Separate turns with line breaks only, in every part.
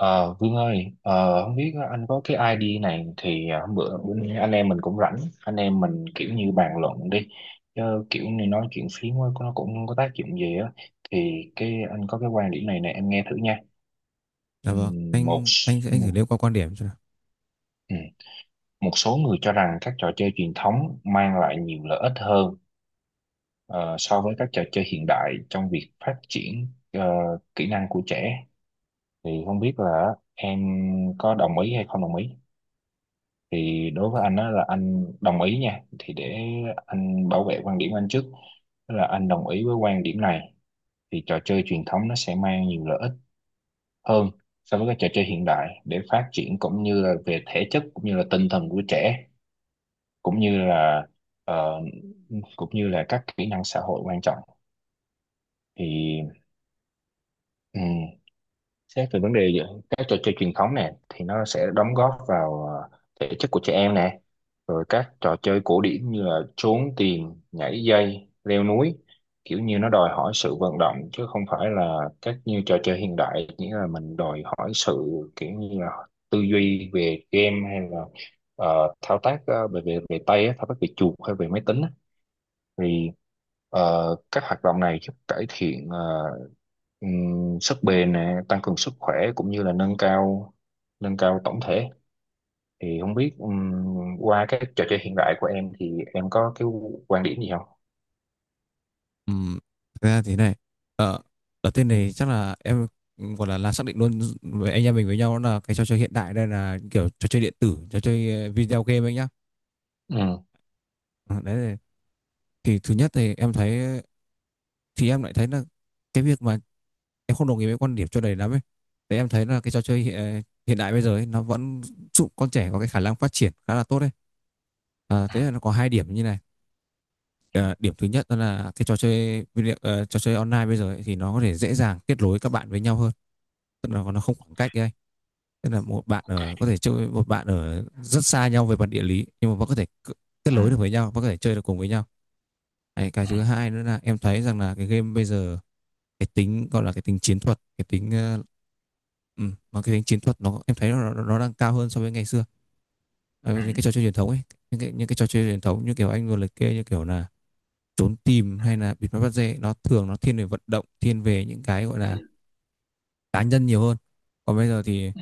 Ờ, Vương ơi, không biết anh có cái ID này thì hôm bữa bữa anh em mình cũng rảnh, anh em mình kiểu như bàn luận đi, chứ kiểu như nói chuyện phím á, nó cũng không có tác dụng gì á, thì cái anh có cái quan điểm này nè em nghe thử nha.
Dạ vâng,
Ừm, một
anh
s-
anh anh thử
ừm,
nêu qua quan điểm cho nào.
ừm. Một số người cho rằng các trò chơi truyền thống mang lại nhiều lợi ích hơn ờ, so với các trò chơi hiện đại trong việc phát triển ờ, kỹ năng của trẻ, thì không biết là em có đồng ý hay không đồng ý? Thì đối với anh, đó là anh đồng ý nha, thì để anh bảo vệ quan điểm của anh trước, tức là anh đồng ý với quan điểm này. Thì trò chơi truyền thống nó sẽ mang nhiều lợi ích hơn so với các trò chơi hiện đại để phát triển cũng như là về thể chất cũng như là tinh thần của trẻ, cũng như là ờ, cũng như là các kỹ năng xã hội quan trọng. Thì xét về vấn đề giữa các trò chơi truyền thống nè, thì nó sẽ đóng góp vào thể chất của trẻ em nè, rồi các trò chơi cổ điển như là trốn tìm, nhảy dây, leo núi, kiểu như nó đòi hỏi sự vận động, chứ không phải là các như trò chơi hiện đại, nghĩa là mình đòi hỏi sự kiểu như là tư duy về game, hay là thao tác ờ, về về về tay á, thao tác về chuột hay về máy tính á. Thì ờ, các hoạt động này giúp cải thiện sức bền nè, tăng cường sức khỏe cũng như là nâng cao tổng thể. Thì không biết qua cái trò chơi hiện đại của em thì em có cái quan điểm gì không?
Ừm, thực ra thế này, ở ở tên
Ừ.
này chắc là em gọi là xác định luôn với anh em mình với nhau là cái trò chơi hiện đại đây là kiểu trò chơi điện tử, trò chơi video game anh nhá.
Ừ.
Ờ, đấy thì thứ nhất thì em thấy thì em lại thấy là cái việc mà em không đồng ý với quan điểm cho đầy lắm ấy. Đấy, em thấy là cái trò chơi hiện đại bây giờ ấy, nó vẫn giúp con trẻ có cái khả năng phát triển khá là tốt đấy. À, thế là nó có hai điểm như này.
Ừ.
Ờ, điểm thứ nhất đó là cái trò chơi online bây giờ ấy, thì nó có thể dễ dàng kết nối các bạn với nhau hơn, tức là nó không khoảng cách ấy, tức là một bạn ở có thể chơi với một bạn ở rất xa nhau về mặt địa lý nhưng mà vẫn có thể kết
Ừ.
nối được với nhau, vẫn có thể chơi được cùng với nhau. Đấy, cái
Ừ.
thứ hai nữa là em thấy rằng là cái game bây giờ cái tính gọi là cái tính chiến thuật, cái tính ừ, mà cái tính chiến thuật nó, em thấy nó đang cao hơn so với ngày xưa. Ờ,
Ừ.
những cái trò chơi truyền thống ấy, những cái trò chơi truyền thống như kiểu anh vừa liệt kê như kiểu là trốn tìm hay là bịt mắt bắt dê, nó thường nó thiên về vận động, thiên về những cái gọi là
Ừ.
cá nhân nhiều hơn. Còn bây giờ thì
Ừ.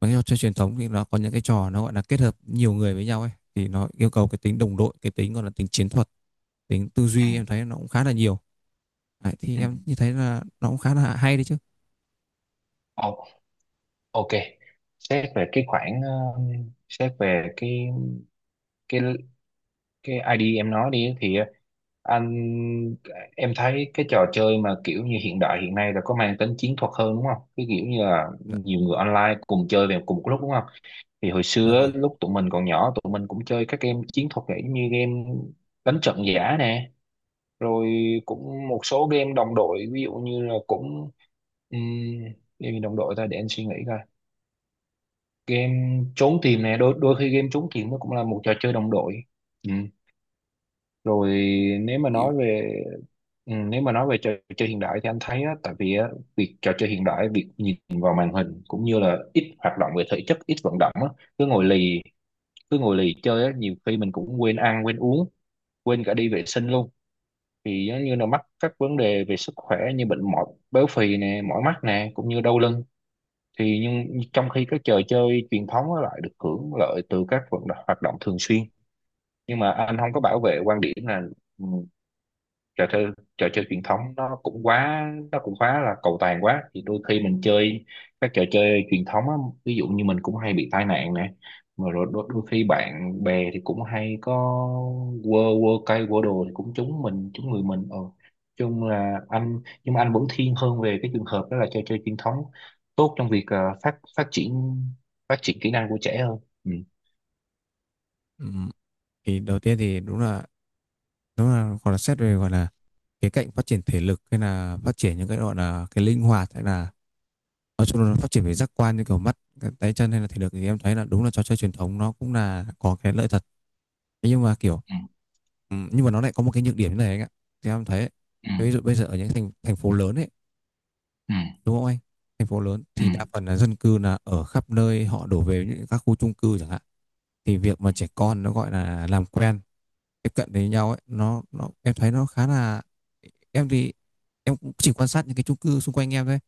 mấy trò chơi truyền thống thì nó có những cái trò nó gọi là kết hợp nhiều người với nhau ấy, thì nó yêu cầu cái tính đồng đội, cái tính gọi là tính chiến thuật, tính tư
Ừ.
duy, em thấy nó cũng khá là nhiều. Đấy, thì
Ừ.
em như thấy là nó cũng khá là hay đấy chứ.
Ô- Ok. Xét về cái khoản xét về cái cái ID em nói đi thì ờ, anh em thấy cái trò chơi mà kiểu như hiện đại hiện nay là có mang tính chiến thuật hơn đúng không? Cái kiểu như là
Dạ,
nhiều người online cùng chơi về cùng một lúc đúng không? Thì hồi
dạ
xưa á,
vâng.
lúc tụi mình còn nhỏ, tụi mình cũng chơi các game chiến thuật vậy, như game đánh trận giả nè, rồi cũng một số game đồng đội, ví dụ như là cũng um, game gì đồng đội ta, để anh suy nghĩ coi. Game trốn tìm nè, đôi đôi khi game trốn tìm nó cũng là một trò chơi đồng đội. Ừ, rồi nếu mà
Thì,
nói về nếu mà nói về trò chơi hiện đại thì anh thấy á, tại vì á, việc trò chơi hiện đại, việc nhìn vào màn hình cũng như là ít hoạt động về thể chất, ít vận động á, cứ ngồi lì cứ ngồi lì chơi á, nhiều khi mình cũng quên ăn quên uống, quên cả đi vệ sinh luôn, thì giống như là mắc các vấn đề về sức khỏe như bệnh mỏi, béo phì nè, mỏi mắt nè, cũng như đau lưng. Thì nhưng trong khi các trò chơi truyền thống á lại được hưởng lợi từ các vận động, hoạt động thường xuyên. Nhưng mà anh không có bảo vệ quan điểm là ừ, trò chơi trò chơi truyền thống nó cũng quá là cầu toàn quá, thì đôi khi mình chơi các trò chơi truyền thống á, ví dụ như mình cũng hay bị tai nạn nè, mà rồi đôi khi bạn bè thì cũng hay có quơ quơ cây quơ đồ, thì cũng trúng mình, trúng người mình. Ờ chung là anh, nhưng mà anh vẫn thiên hơn về cái trường hợp đó là trò chơi truyền thống tốt trong việc ờ, phát phát triển kỹ năng của trẻ hơn. Ừ.
ừm, thì đầu tiên thì đúng là, đúng là còn là xét về gọi là cái cạnh phát triển thể lực hay là phát triển những cái gọi là cái linh hoạt hay là nói chung là nó phát triển về giác quan như kiểu mắt, cái tay chân hay là thể lực, thì em thấy là đúng là trò chơi truyền thống nó cũng là có cái lợi thật. Thế nhưng mà kiểu
Ừ.
nhưng mà nó lại có một cái nhược điểm như này anh ạ, thì em thấy
Ừ.
ví dụ bây giờ ở những thành thành phố lớn ấy,
Ừ.
đúng không anh, thành phố lớn
Ừ.
thì đa phần là dân cư là ở khắp nơi, họ đổ về những các khu chung cư chẳng hạn, thì việc mà trẻ con nó gọi là làm quen tiếp cận với nhau ấy, nó em thấy nó khá là, em thì em cũng chỉ quan sát những cái chung cư xung quanh em thôi,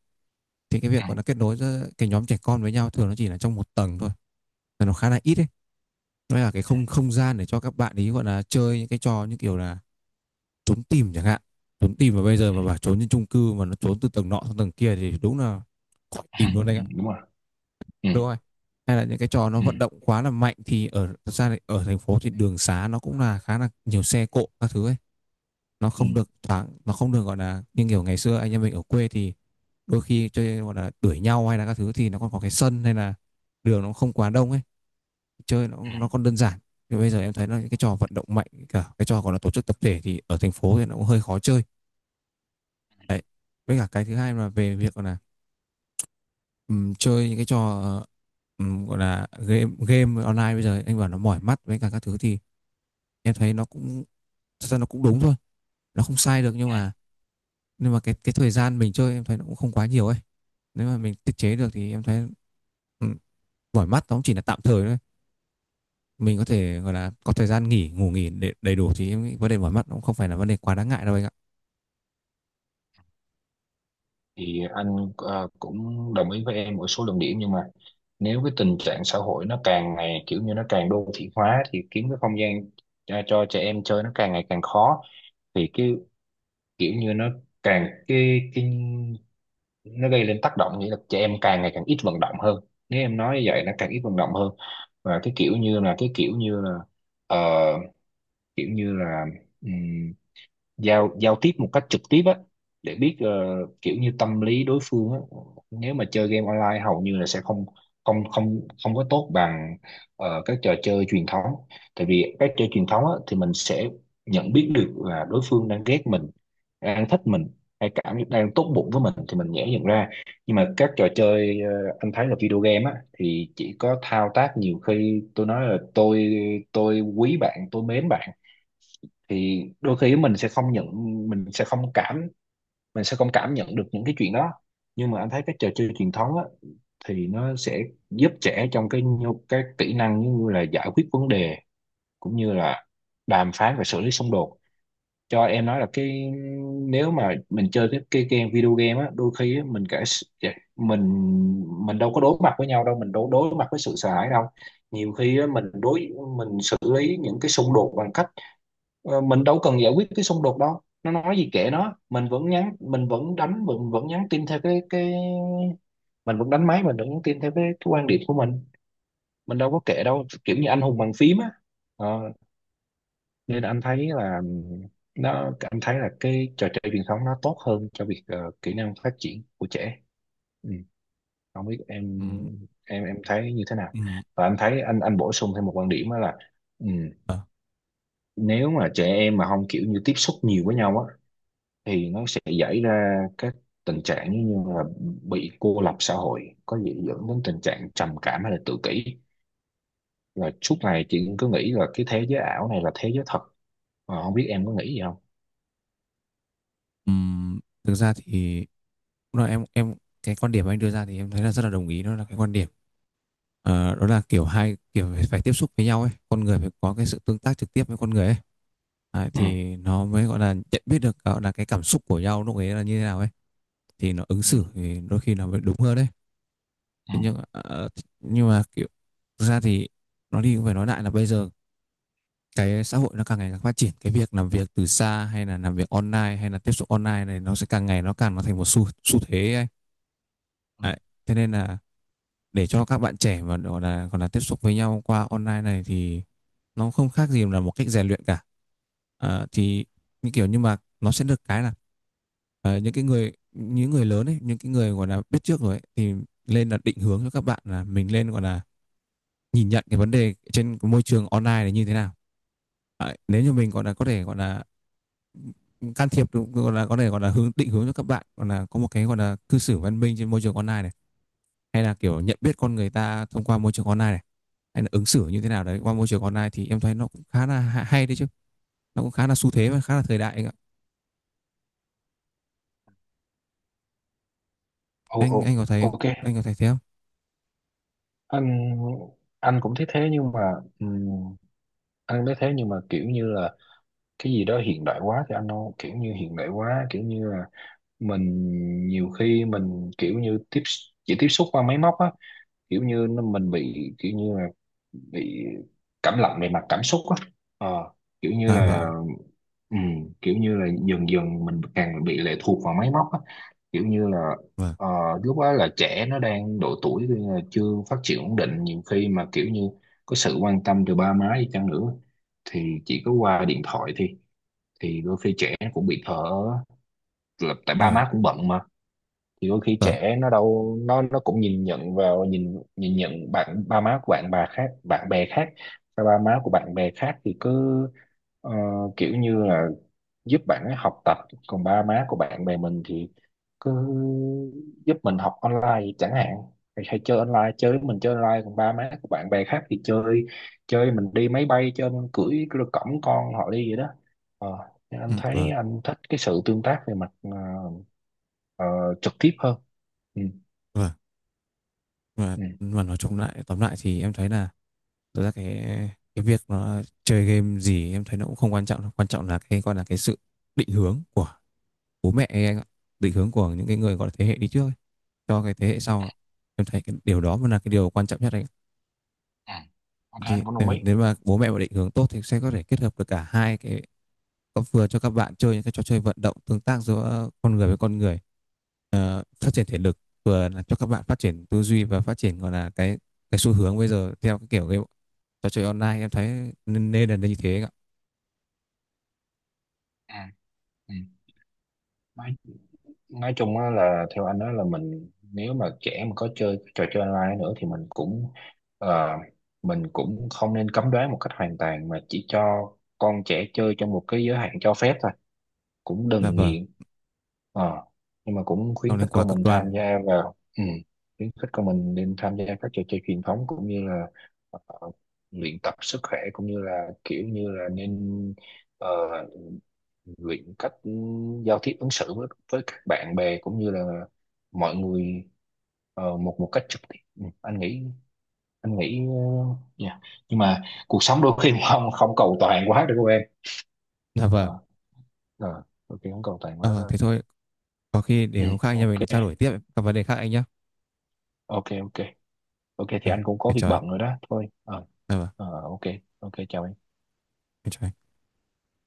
thì cái
Ừ. Ừ.
việc gọi là kết nối giữa cái nhóm trẻ con với nhau thường nó chỉ là trong một tầng thôi, là nó khá là ít đấy. Nó là cái không không gian để cho các bạn ý gọi là chơi những cái trò như kiểu là trốn tìm chẳng hạn, trốn tìm mà bây giờ mà
Ừ.
bảo trốn trên chung cư mà nó trốn từ tầng nọ sang tầng kia thì đúng là khỏi
Ừ.
tìm luôn đấy ạ.
Đúng rồi. Ừ.
Đúng rồi, hay là những cái trò nó
Ừ.
vận động quá là mạnh thì ở, thật ra ở thành phố thì đường xá nó cũng là khá là nhiều xe cộ các thứ ấy, nó
Ừ.
không được thoáng, nó không được gọi là như kiểu ngày xưa anh em mình ở quê thì đôi khi chơi gọi là đuổi nhau hay là các thứ thì nó còn có cái sân hay là đường nó không quá đông ấy, chơi nó
Ừ,
nó còn đơn giản. Nhưng bây giờ em thấy là những cái trò vận động mạnh cả cái trò còn là tổ chức tập thể thì ở thành phố thì nó cũng hơi khó chơi đấy. Với cả cái thứ hai là về việc gọi là chơi những cái trò gọi là game game online bây giờ anh bảo nó mỏi mắt với cả các thứ thì em thấy nó cũng, thật ra nó cũng đúng thôi, nó không sai được nhưng
ừ.
mà, nhưng mà cái thời gian mình chơi em thấy nó cũng không quá nhiều ấy, nếu mà mình tiết chế được thì em thấy ừ, mỏi mắt nó cũng chỉ là tạm thời thôi, mình có thể gọi là có thời gian nghỉ ngủ nghỉ để đầy đủ thì em nghĩ vấn đề mỏi mắt nó cũng không phải là vấn đề quá đáng ngại đâu anh ạ.
Thì anh cũng đồng ý với em một số luận điểm, nhưng mà nếu cái tình trạng xã hội nó càng ngày kiểu như nó càng đô thị hóa, thì kiếm cái không gian cho trẻ em chơi nó càng ngày càng khó. Thì cái kiểu như nó càng cái nó gây lên tác động, nghĩa là trẻ em càng ngày càng ít vận động hơn, nếu em nói như vậy nó càng ít vận động hơn. Và cái kiểu như là cái kiểu như là ờ, kiểu như là giao giao tiếp một cách trực tiếp á, để biết kiểu như tâm lý đối phương á, nếu mà chơi game online hầu như là sẽ không không không không có tốt bằng các trò chơi truyền thống. Tại vì các chơi truyền thống á, thì mình sẽ nhận biết được là đối phương đang ghét mình, đang thích mình, hay cảm đang tốt bụng với mình thì mình dễ nhận ra. Nhưng mà các trò chơi anh thấy là video game á thì chỉ có thao tác, nhiều khi tôi nói là tôi quý bạn, tôi mến bạn, thì đôi khi mình sẽ không cảm mình sẽ không cảm nhận được những cái chuyện đó. Nhưng mà anh thấy cái trò chơi truyền thống á, thì nó sẽ giúp trẻ trong cái kỹ năng như là giải quyết vấn đề, cũng như là đàm phán và xử lý xung đột. Cho em nói là cái, nếu mà mình chơi cái game video game á, đôi khi á, dạ, mình mình đâu có đối mặt với nhau đâu, mình đâu đối mặt với sự sợ hãi đâu. Nhiều khi á, mình xử lý những cái xung đột bằng cách. Ờ, mình đâu cần giải quyết cái xung đột đâu, nó nói gì kệ nó, mình vẫn nhắn mình vẫn đánh mình vẫn nhắn tin theo cái mình vẫn đánh máy, mình vẫn nhắn tin theo cái quan điểm của mình đâu có kệ đâu, kiểu như anh hùng bàn phím á. Ờ, nên anh thấy là nó anh thấy là cái trò chơi truyền thống nó tốt hơn cho việc kỹ năng phát triển của trẻ. Ừ. Không biết
Ừ,
em, em thấy như thế nào?
ừ,
Và anh thấy anh bổ sung thêm một quan điểm đó là ừ, nếu mà trẻ em mà không kiểu như tiếp xúc nhiều với nhau á, thì nó sẽ xảy ra các tình trạng như là bị cô lập xã hội, có dễ dẫn đến tình trạng trầm cảm hay là tự kỷ, và suốt ngày chị cứ nghĩ là cái thế giới ảo này là thế giới thật. Ờ, không biết em có nghĩ gì không.
ừ. Thực ra thì lúc nào em cái quan điểm anh đưa ra thì em thấy là rất là đồng ý, đó là cái quan điểm. Ờ, đó là kiểu hai kiểu phải tiếp xúc với nhau ấy, con người phải có cái sự tương tác trực tiếp với con người ấy. Đấy,
Ừ.
thì nó mới gọi là nhận biết được gọi là cái cảm xúc của nhau lúc ấy là như thế nào ấy, thì nó ứng
Ừ.
xử thì đôi khi nó mới đúng hơn đấy.
Ừ.
Thế nhưng nhưng mà kiểu, thực ra thì nói đi cũng phải nói lại là bây giờ cái xã hội nó càng ngày càng phát triển, cái việc làm việc từ xa hay là làm việc online hay là tiếp xúc online này nó sẽ càng ngày nó càng nó thành một xu xu thế ấy.
Ừ.
Đấy, thế nên là để cho các bạn trẻ mà gọi là còn là tiếp xúc với nhau qua online này thì nó không khác gì là một cách rèn luyện cả. Ờ, thì như kiểu nhưng mà nó sẽ được cái là ờ, những cái người, những người lớn ấy, những cái người gọi là biết trước rồi ấy, thì lên là định hướng cho các bạn là mình lên gọi là nhìn nhận cái vấn đề trên cái môi trường online này như thế nào. Đấy, nếu như mình gọi là có thể gọi là can thiệp được, gọi là có thể gọi là hướng định hướng cho các bạn, gọi là có một cái gọi là cư xử văn minh trên môi trường online này, hay là kiểu nhận biết con người ta thông qua môi trường online này, hay là ứng xử như thế nào đấy qua môi trường online, thì em thấy nó cũng khá là hay đấy chứ, nó cũng khá là xu thế và khá là thời đại anh ạ.
Ô, ô,
Anh có thấy,
Ok.
anh có thấy thế không?
Anh anh cũng thấy thế, nhưng mà ừm, anh thấy thế, nhưng mà kiểu như là cái gì đó hiện đại quá, thì anh đâu, kiểu như hiện đại quá kiểu như là mình, nhiều khi mình kiểu như chỉ tiếp xúc qua máy móc á, kiểu như nó mình bị kiểu như là bị cảm lạnh về mặt cảm xúc á. Ờ, kiểu như
À
là
vâng,
kiểu như là dần dần mình càng bị lệ thuộc vào máy móc á, kiểu như là
vâng,
ờ, lúc đó là trẻ nó đang độ tuổi thì là chưa phát triển ổn định, nhiều khi mà kiểu như có sự quan tâm từ ba má đi chăng nữa, thì chỉ có qua điện thoại thì đôi khi trẻ cũng bị thở, là tại ba
vâng,
má cũng bận mà. Thì đôi khi
vâng,
trẻ nó đâu, nó cũng nhìn nhận bạn ba má của bạn, bà khác, bạn bè khác, ba ba má của bạn bè khác thì cứ ờ, kiểu như là giúp bạn ấy học tập, còn ba má của bạn bè mình thì cứ giúp mình học online chẳng hạn, hay chơi online, chơi với mình chơi online, còn ba má của bạn bè khác thì chơi chơi mình đi máy bay, chơi mình cưỡi, cõng con họ đi vậy đó. Ờ, nên
ừ,
anh thấy
vâng,
anh thích cái sự tương tác về mặt ờ, trực tiếp hơn. ừ,
vâng, vâng.
ừ.
Mà nói chung lại, tóm lại thì em thấy là thực ra cái việc nó chơi game gì em thấy nó cũng không quan trọng đâu. Quan trọng là cái gọi là cái sự định hướng của bố mẹ ấy anh ạ, định hướng của những cái người gọi là thế hệ đi trước ấy, cho cái thế hệ sau, em thấy cái điều đó mới là cái điều quan trọng nhất anh ạ.
ừ. Ok,
Thì,
anh cũng
ừ,
đồng ý.
nếu mà bố mẹ mà định hướng tốt thì sẽ có thể kết hợp được cả hai cái, có vừa cho các bạn chơi những cái trò chơi vận động tương tác giữa con người với con người, ờ, phát triển thể lực, vừa là cho các bạn phát triển tư duy và phát triển gọi là cái xu hướng bây giờ theo cái kiểu cái trò chơi online, em thấy nên là như thế anh ạ.
Ừ. Ừ. Nói, nói chung á là theo anh đó là mình, nếu mà trẻ mà có chơi trò chơi online nữa thì mình cũng ờ, mình cũng không nên cấm đoán một cách hoàn toàn, mà chỉ cho con trẻ chơi trong một cái giới hạn cho phép thôi, cũng
Là
đừng
vâng,
nghiện. Ờ, nhưng mà cũng
không
khuyến
nên
khích
quá
con
cực
mình
đoan.
tham gia vào khuyến khích con mình nên tham gia các trò chơi truyền thống, cũng như là ờ, luyện tập sức khỏe, cũng như là kiểu như là nên ờ, luyện cách giao tiếp ứng xử với các bạn bè cũng như là mọi người một một cách trực tiếp. Ừ, anh nghĩ dạ. Nhưng mà cuộc sống đôi khi không không cầu toàn quá được không em.
Là vâng,
Ờ, ờ, Đôi khi không cầu toàn
à,
quá
vâng
thôi.
thế thôi, có khi
Ừ,
để hôm khác nhà mình
ok.
lại trao đổi tiếp các vấn đề khác anh nhé.
Ok. Ok, ok thì
À,
anh cũng có
em
việc
chào anh.
bận rồi đó thôi. Ờ
Là vâng.
Ok. Ok, chào em.
Em chào anh.